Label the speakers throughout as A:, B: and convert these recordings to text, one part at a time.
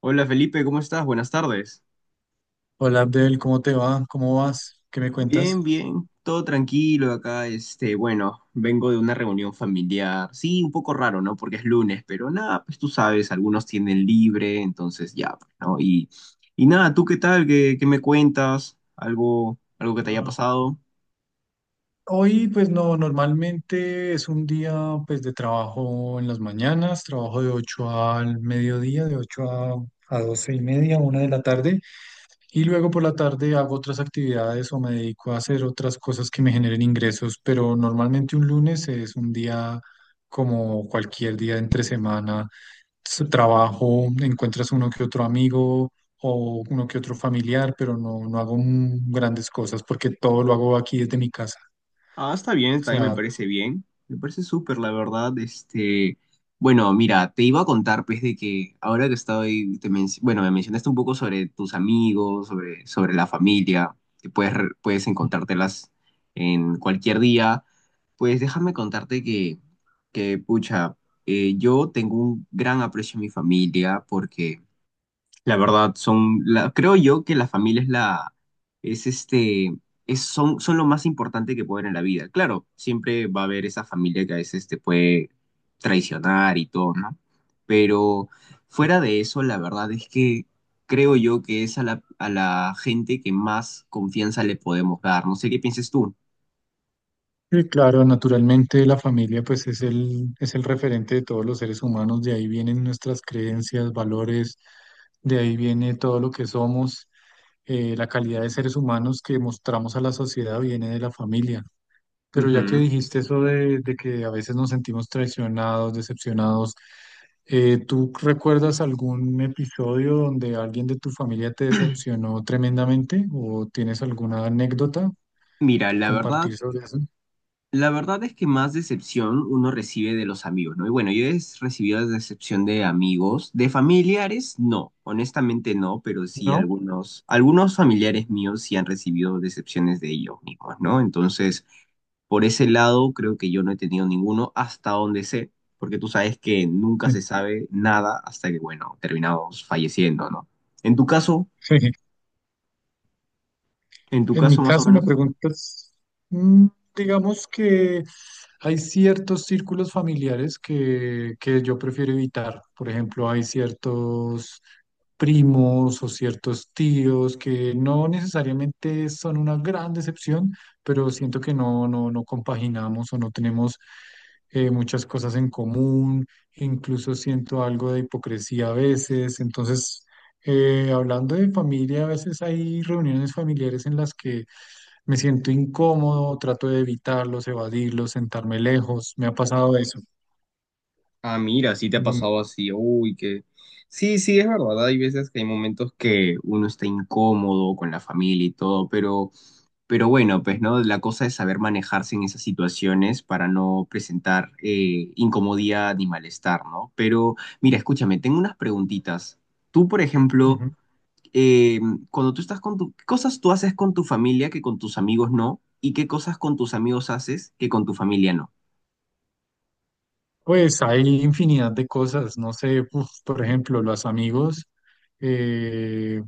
A: Hola Felipe, ¿cómo estás? Buenas tardes.
B: Hola Abdel, ¿cómo te va? ¿Cómo vas? ¿Qué me
A: Bien,
B: cuentas?
A: bien, todo tranquilo acá. Bueno, vengo de una reunión familiar. Sí, un poco raro, ¿no? Porque es lunes, pero nada, pues tú sabes, algunos tienen libre, entonces ya, pues, ¿no? Y nada, ¿tú qué tal? ¿Qué me cuentas? ¿Algo que te haya pasado?
B: Hoy, pues no, normalmente es un día pues de trabajo en las mañanas. Trabajo de 8 al mediodía, de 8 a 12:30, 1 de la tarde. Y luego por la tarde hago otras actividades o me dedico a hacer otras cosas que me generen ingresos, pero normalmente un lunes es un día como cualquier día entre semana. Trabajo, encuentras uno que otro amigo o uno que otro familiar, pero no, no hago grandes cosas porque todo lo hago aquí desde mi casa.
A: Ah, está bien,
B: O
A: también me
B: sea.
A: parece bien. Me parece súper, la verdad. Bueno, mira, te iba a contar, pues, de que ahora que estoy, bueno, me mencionaste un poco sobre tus amigos, sobre la familia, que puedes, puedes encontrártelas en cualquier día. Pues déjame contarte que pucha, yo tengo un gran aprecio a mi familia porque la verdad, creo yo que la familia es este, son lo más importante que pueden en la vida. Claro, siempre va a haber esa familia que a veces te puede traicionar y todo, ¿no? Pero fuera de eso, la verdad es que creo yo que es a la gente que más confianza le podemos dar. No sé qué pienses tú.
B: Sí, claro, naturalmente la familia pues es el referente de todos los seres humanos. De ahí vienen nuestras creencias, valores, de ahí viene todo lo que somos, la calidad de seres humanos que mostramos a la sociedad viene de la familia. Pero ya que
A: Ujú.
B: dijiste eso de que a veces nos sentimos traicionados, decepcionados, ¿tú recuerdas algún episodio donde alguien de tu familia te decepcionó tremendamente o tienes alguna anécdota
A: Mira,
B: que
A: la verdad.
B: compartir sobre eso?
A: La verdad es que más decepción uno recibe de los amigos, ¿no? Y bueno, yo he recibido decepción de amigos, de familiares, no, honestamente no, pero sí
B: ¿No?
A: algunos familiares míos sí han recibido decepciones de ellos mismos, ¿no? Entonces, por ese lado, creo que yo no he tenido ninguno hasta donde sé, porque tú sabes que nunca se sabe nada hasta que, bueno, terminamos falleciendo, ¿no? En tu caso, en tu
B: En
A: caso
B: mi
A: más o
B: caso me
A: menos,
B: preguntas, mm, digamos que hay ciertos círculos familiares que yo prefiero evitar. Por ejemplo, hay ciertos primos o ciertos tíos que no necesariamente son una gran decepción, pero siento que no, no, no compaginamos o no tenemos muchas cosas en común. Incluso siento algo de hipocresía a veces. Entonces, hablando de familia, a veces hay reuniones familiares en las que me siento incómodo, trato de evitarlos, evadirlos, sentarme lejos. Me ha pasado eso.
A: ah, mira, sí te ha
B: Don-
A: pasado así. Uy, que... Sí, sí, es verdad. Hay veces que hay momentos que uno está incómodo con la familia y todo, pero bueno, pues, ¿no? La cosa es saber manejarse en esas situaciones para no presentar incomodidad ni malestar, ¿no? Pero, mira, escúchame, tengo unas preguntitas. Tú, por ejemplo,
B: Ujú.
A: eh, cuando tú estás con tu... ¿Qué cosas tú haces con tu familia que con tus amigos no? ¿Y qué cosas con tus amigos haces que con tu familia no?
B: Pues hay infinidad de cosas, no sé, uf, por ejemplo, eh,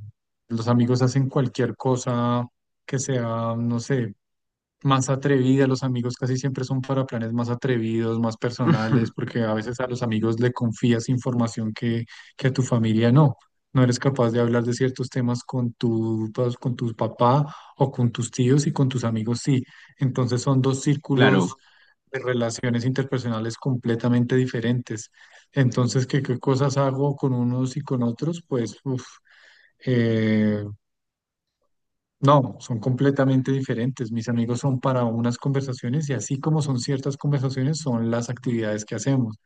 B: los amigos hacen cualquier cosa que sea, no sé, más atrevida. Los amigos casi siempre son para planes más atrevidos, más personales, porque a veces a los amigos le confías información que a tu familia no. No eres capaz de hablar de ciertos temas con tu, pues, con tu papá o con tus tíos, y con tus amigos sí. Entonces son dos círculos
A: Claro.
B: de relaciones interpersonales completamente diferentes. Entonces, ¿qué, qué cosas hago con unos y con otros? Pues, uf, eh, no, son completamente diferentes. Mis amigos son para unas conversaciones, y así como son ciertas conversaciones, son las actividades que hacemos.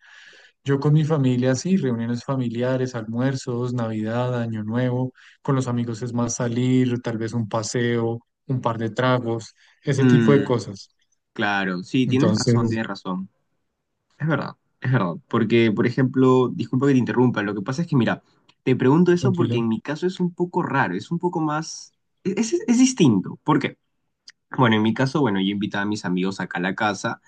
B: Yo con mi familia, sí, reuniones familiares, almuerzos, Navidad, Año Nuevo. Con los amigos es más salir, tal vez un paseo, un par de tragos, ese tipo de
A: Mm,
B: cosas.
A: claro, sí, tienes razón,
B: Entonces,
A: tienes razón. Es verdad, es verdad. Porque, por ejemplo, disculpa que te interrumpa, lo que pasa es que, mira, te pregunto eso porque
B: tranquilo.
A: en mi caso es un poco raro, es un poco más, es distinto. ¿Por qué? Bueno, en mi caso, bueno, yo invitaba a mis amigos acá a la casa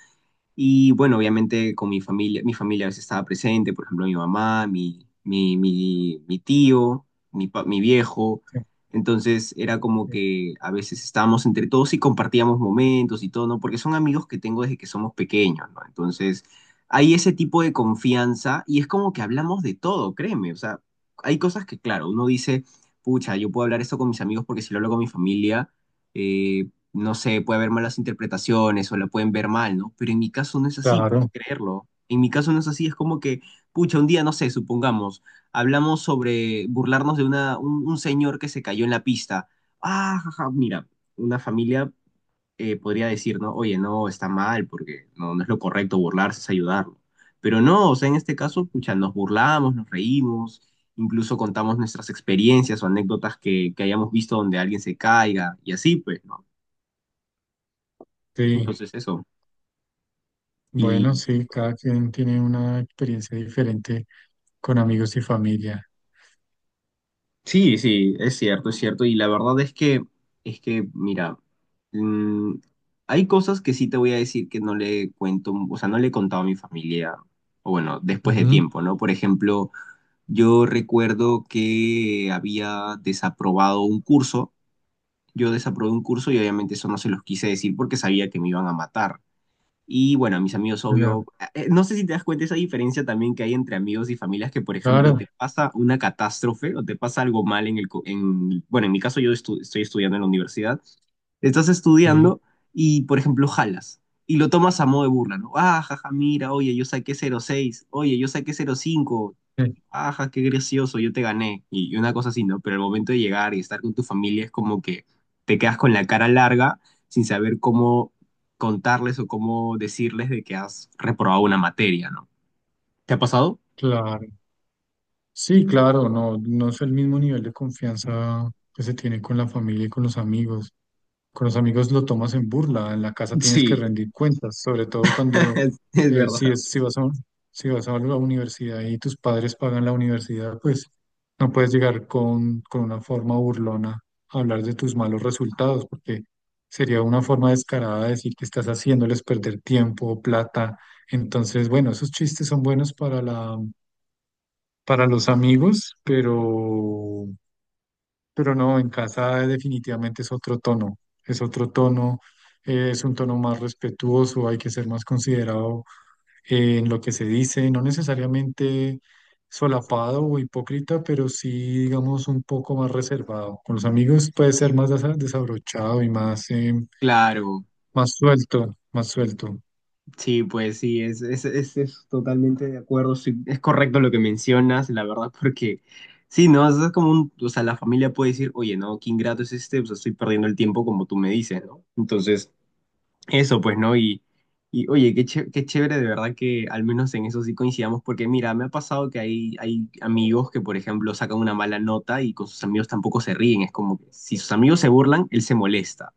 A: y bueno, obviamente con mi familia a veces estaba presente, por ejemplo, mi mamá, mi tío, mi viejo.
B: Sí,
A: Entonces era como
B: sí.
A: que a veces estábamos entre todos y compartíamos momentos y todo, ¿no? Porque son amigos que tengo desde que somos pequeños, ¿no? Entonces hay ese tipo de confianza y es como que hablamos de todo, créeme. O sea, hay cosas que, claro, uno dice, pucha, yo puedo hablar esto con mis amigos porque si lo hablo con mi familia eh, no sé, puede haber malas interpretaciones o la pueden ver mal, ¿no? Pero en mi caso no es así, puedes
B: Claro,
A: creerlo. En mi caso no es así, es como que, pucha, un día, no sé, supongamos, hablamos sobre burlarnos de un señor que se cayó en la pista. Ah, jaja, mira, una familia podría decir, ¿no? Oye, no, está mal, porque no, no es lo correcto burlarse, es ayudarlo. Pero no, o sea, en este caso, pucha, nos burlamos, nos reímos, incluso contamos nuestras experiencias o anécdotas que hayamos visto donde alguien se caiga, y así, pues, ¿no?
B: sí.
A: Entonces eso.
B: Bueno,
A: Y
B: sí, cada quien tiene una experiencia diferente con amigos y familia.
A: sí, sí, es cierto, es cierto. Y la verdad es que, mira, mm, hay cosas que sí te voy a decir que no le cuento, o sea, no le he contado a mi familia, o bueno, después de
B: Ujú.
A: tiempo, ¿no? Por ejemplo, yo recuerdo que había desaprobado un curso, yo desaprobé un curso y obviamente eso no se los quise decir porque sabía que me iban a matar. Y bueno, a mis amigos, obvio,
B: Ya.
A: no sé si te das cuenta esa diferencia también que hay entre amigos y familias que, por ejemplo,
B: Claro,
A: te pasa una catástrofe o te pasa algo mal en bueno, en mi caso estoy estudiando en la universidad, estás
B: sí.
A: estudiando y, por ejemplo, jalas y lo tomas a modo de burla, ¿no? Ah, jaja, mira, oye, yo saqué cero coma seis, oye, yo saqué cero coma cinco, ajá, qué gracioso, yo te gané, y una cosa así, ¿no? Pero al momento de llegar y estar con tu familia es como que te quedas con la cara larga sin saber cómo contarles o cómo decirles de que has reprobado una materia, ¿no? ¿Te ha pasado?
B: Claro, sí, claro, no, no es el mismo nivel de confianza que se tiene con la familia y con los amigos. Con los amigos lo tomas en burla, en la casa tienes que
A: Sí,
B: rendir cuentas, sobre todo cuando
A: es
B: eh, si
A: verdad.
B: es, si vas a, un- si vas a la universidad y tus padres pagan la universidad, pues no puedes llegar con una forma burlona a hablar de tus malos resultados, porque sería una forma descarada de decir que estás haciéndoles perder tiempo, plata. Entonces, bueno, esos chistes son buenos para los amigos, pero no, en casa definitivamente es otro tono, es otro tono. Es un tono más respetuoso, hay que ser más considerado en lo que se dice, no necesariamente solapado o hipócrita, pero sí, digamos, un poco más reservado. Con los amigos puede ser más desabrochado y más,
A: Claro,
B: más suelto, más suelto.
A: sí, pues sí, es totalmente de acuerdo, sí, es correcto lo que mencionas, la verdad, porque sí, ¿no? Es como un, o sea, la familia puede decir, oye, no, qué ingrato es este, o sea, estoy perdiendo el tiempo como tú me dices, ¿no? Entonces, eso, pues, ¿no? Y oye, qué chévere, de verdad que al menos en eso sí coincidamos, porque mira, me ha pasado que hay amigos que, por ejemplo, sacan una mala nota y con sus amigos tampoco se ríen, es como que si sus amigos se burlan, él se molesta.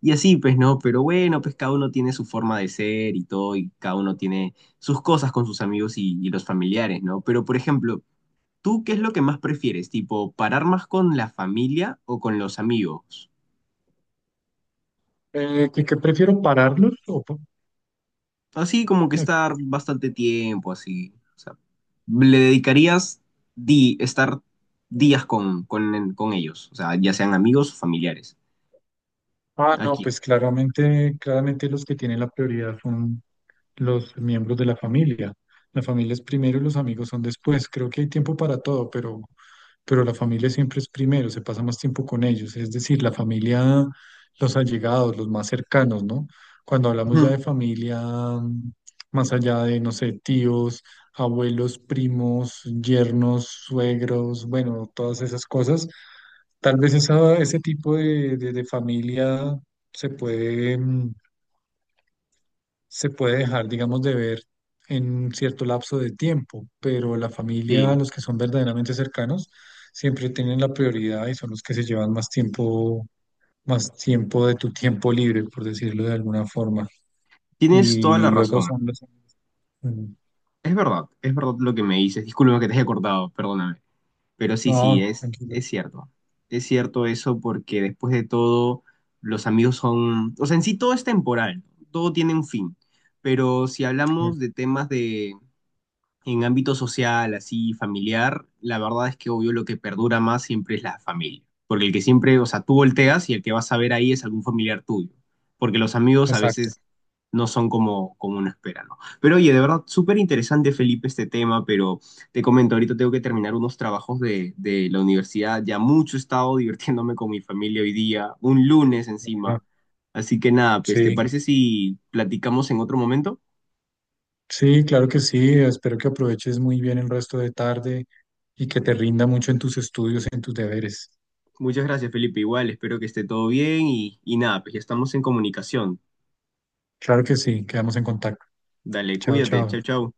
A: Y así, pues, ¿no? Pero bueno, pues cada uno tiene su forma de ser y todo, y cada uno tiene sus cosas con sus amigos y los familiares, ¿no? Pero, por ejemplo, ¿tú qué es lo que más prefieres? ¿Tipo, parar más con la familia o con los amigos?
B: Que prefiero pararlos o.
A: Así como que estar bastante tiempo, así. O sea, le dedicarías di estar días con ellos, o sea, ya sean amigos o familiares.
B: Ah, no,
A: Aquí.
B: pues claramente, claramente los que tienen la prioridad son los miembros de la familia. La familia es primero y los amigos son después. Creo que hay tiempo para todo, pero la familia siempre es primero, se pasa más tiempo con ellos. Es decir, la familia, los allegados, los más cercanos, ¿no? Cuando hablamos ya
A: Ujú.
B: de familia, más allá de, no sé, tíos, abuelos, primos, yernos, suegros, bueno, todas esas cosas. Tal vez ese tipo de familia se puede, se puede dejar, digamos, de ver en cierto lapso de tiempo, pero la
A: Sí,
B: familia, los que son verdaderamente cercanos, siempre tienen la prioridad y son los que se llevan más tiempo de tu tiempo libre, por decirlo de alguna forma.
A: tienes toda
B: Y
A: la
B: luego
A: razón.
B: son los. Mm.
A: Es verdad lo que me dices. Disculpa que te haya cortado, perdóname. Pero sí, sí,
B: No, tranquilo.
A: es cierto. Es cierto eso porque después de todo, los amigos son... O sea, en sí todo es temporal, todo tiene un fin. Pero si
B: eh,
A: hablamos de temas de en ámbito social, así, familiar, la verdad es que obvio lo que perdura más siempre es la familia. Porque el que siempre, o sea, tú volteas y el que vas a ver ahí es algún familiar tuyo. Porque los amigos a
B: Exacto.
A: veces no son como, como uno espera, ¿no? Pero oye, de verdad, súper interesante, Felipe, este tema, pero te comento, ahorita tengo que terminar unos trabajos de la universidad. Ya mucho he estado divirtiéndome con mi familia hoy día, un lunes
B: Bueno,
A: encima. Así que nada, pues, ¿te
B: sí.
A: parece si platicamos en otro momento?
B: Sí, claro que sí. Espero que aproveches muy bien el resto de tarde y que te rinda mucho en tus estudios, en tus deberes.
A: Muchas gracias, Felipe. Igual, espero que esté todo bien y nada, pues ya estamos en comunicación.
B: Claro que sí. Quedamos en contacto.
A: Dale,
B: Chao,
A: cuídate.
B: chao.
A: Chau, chau.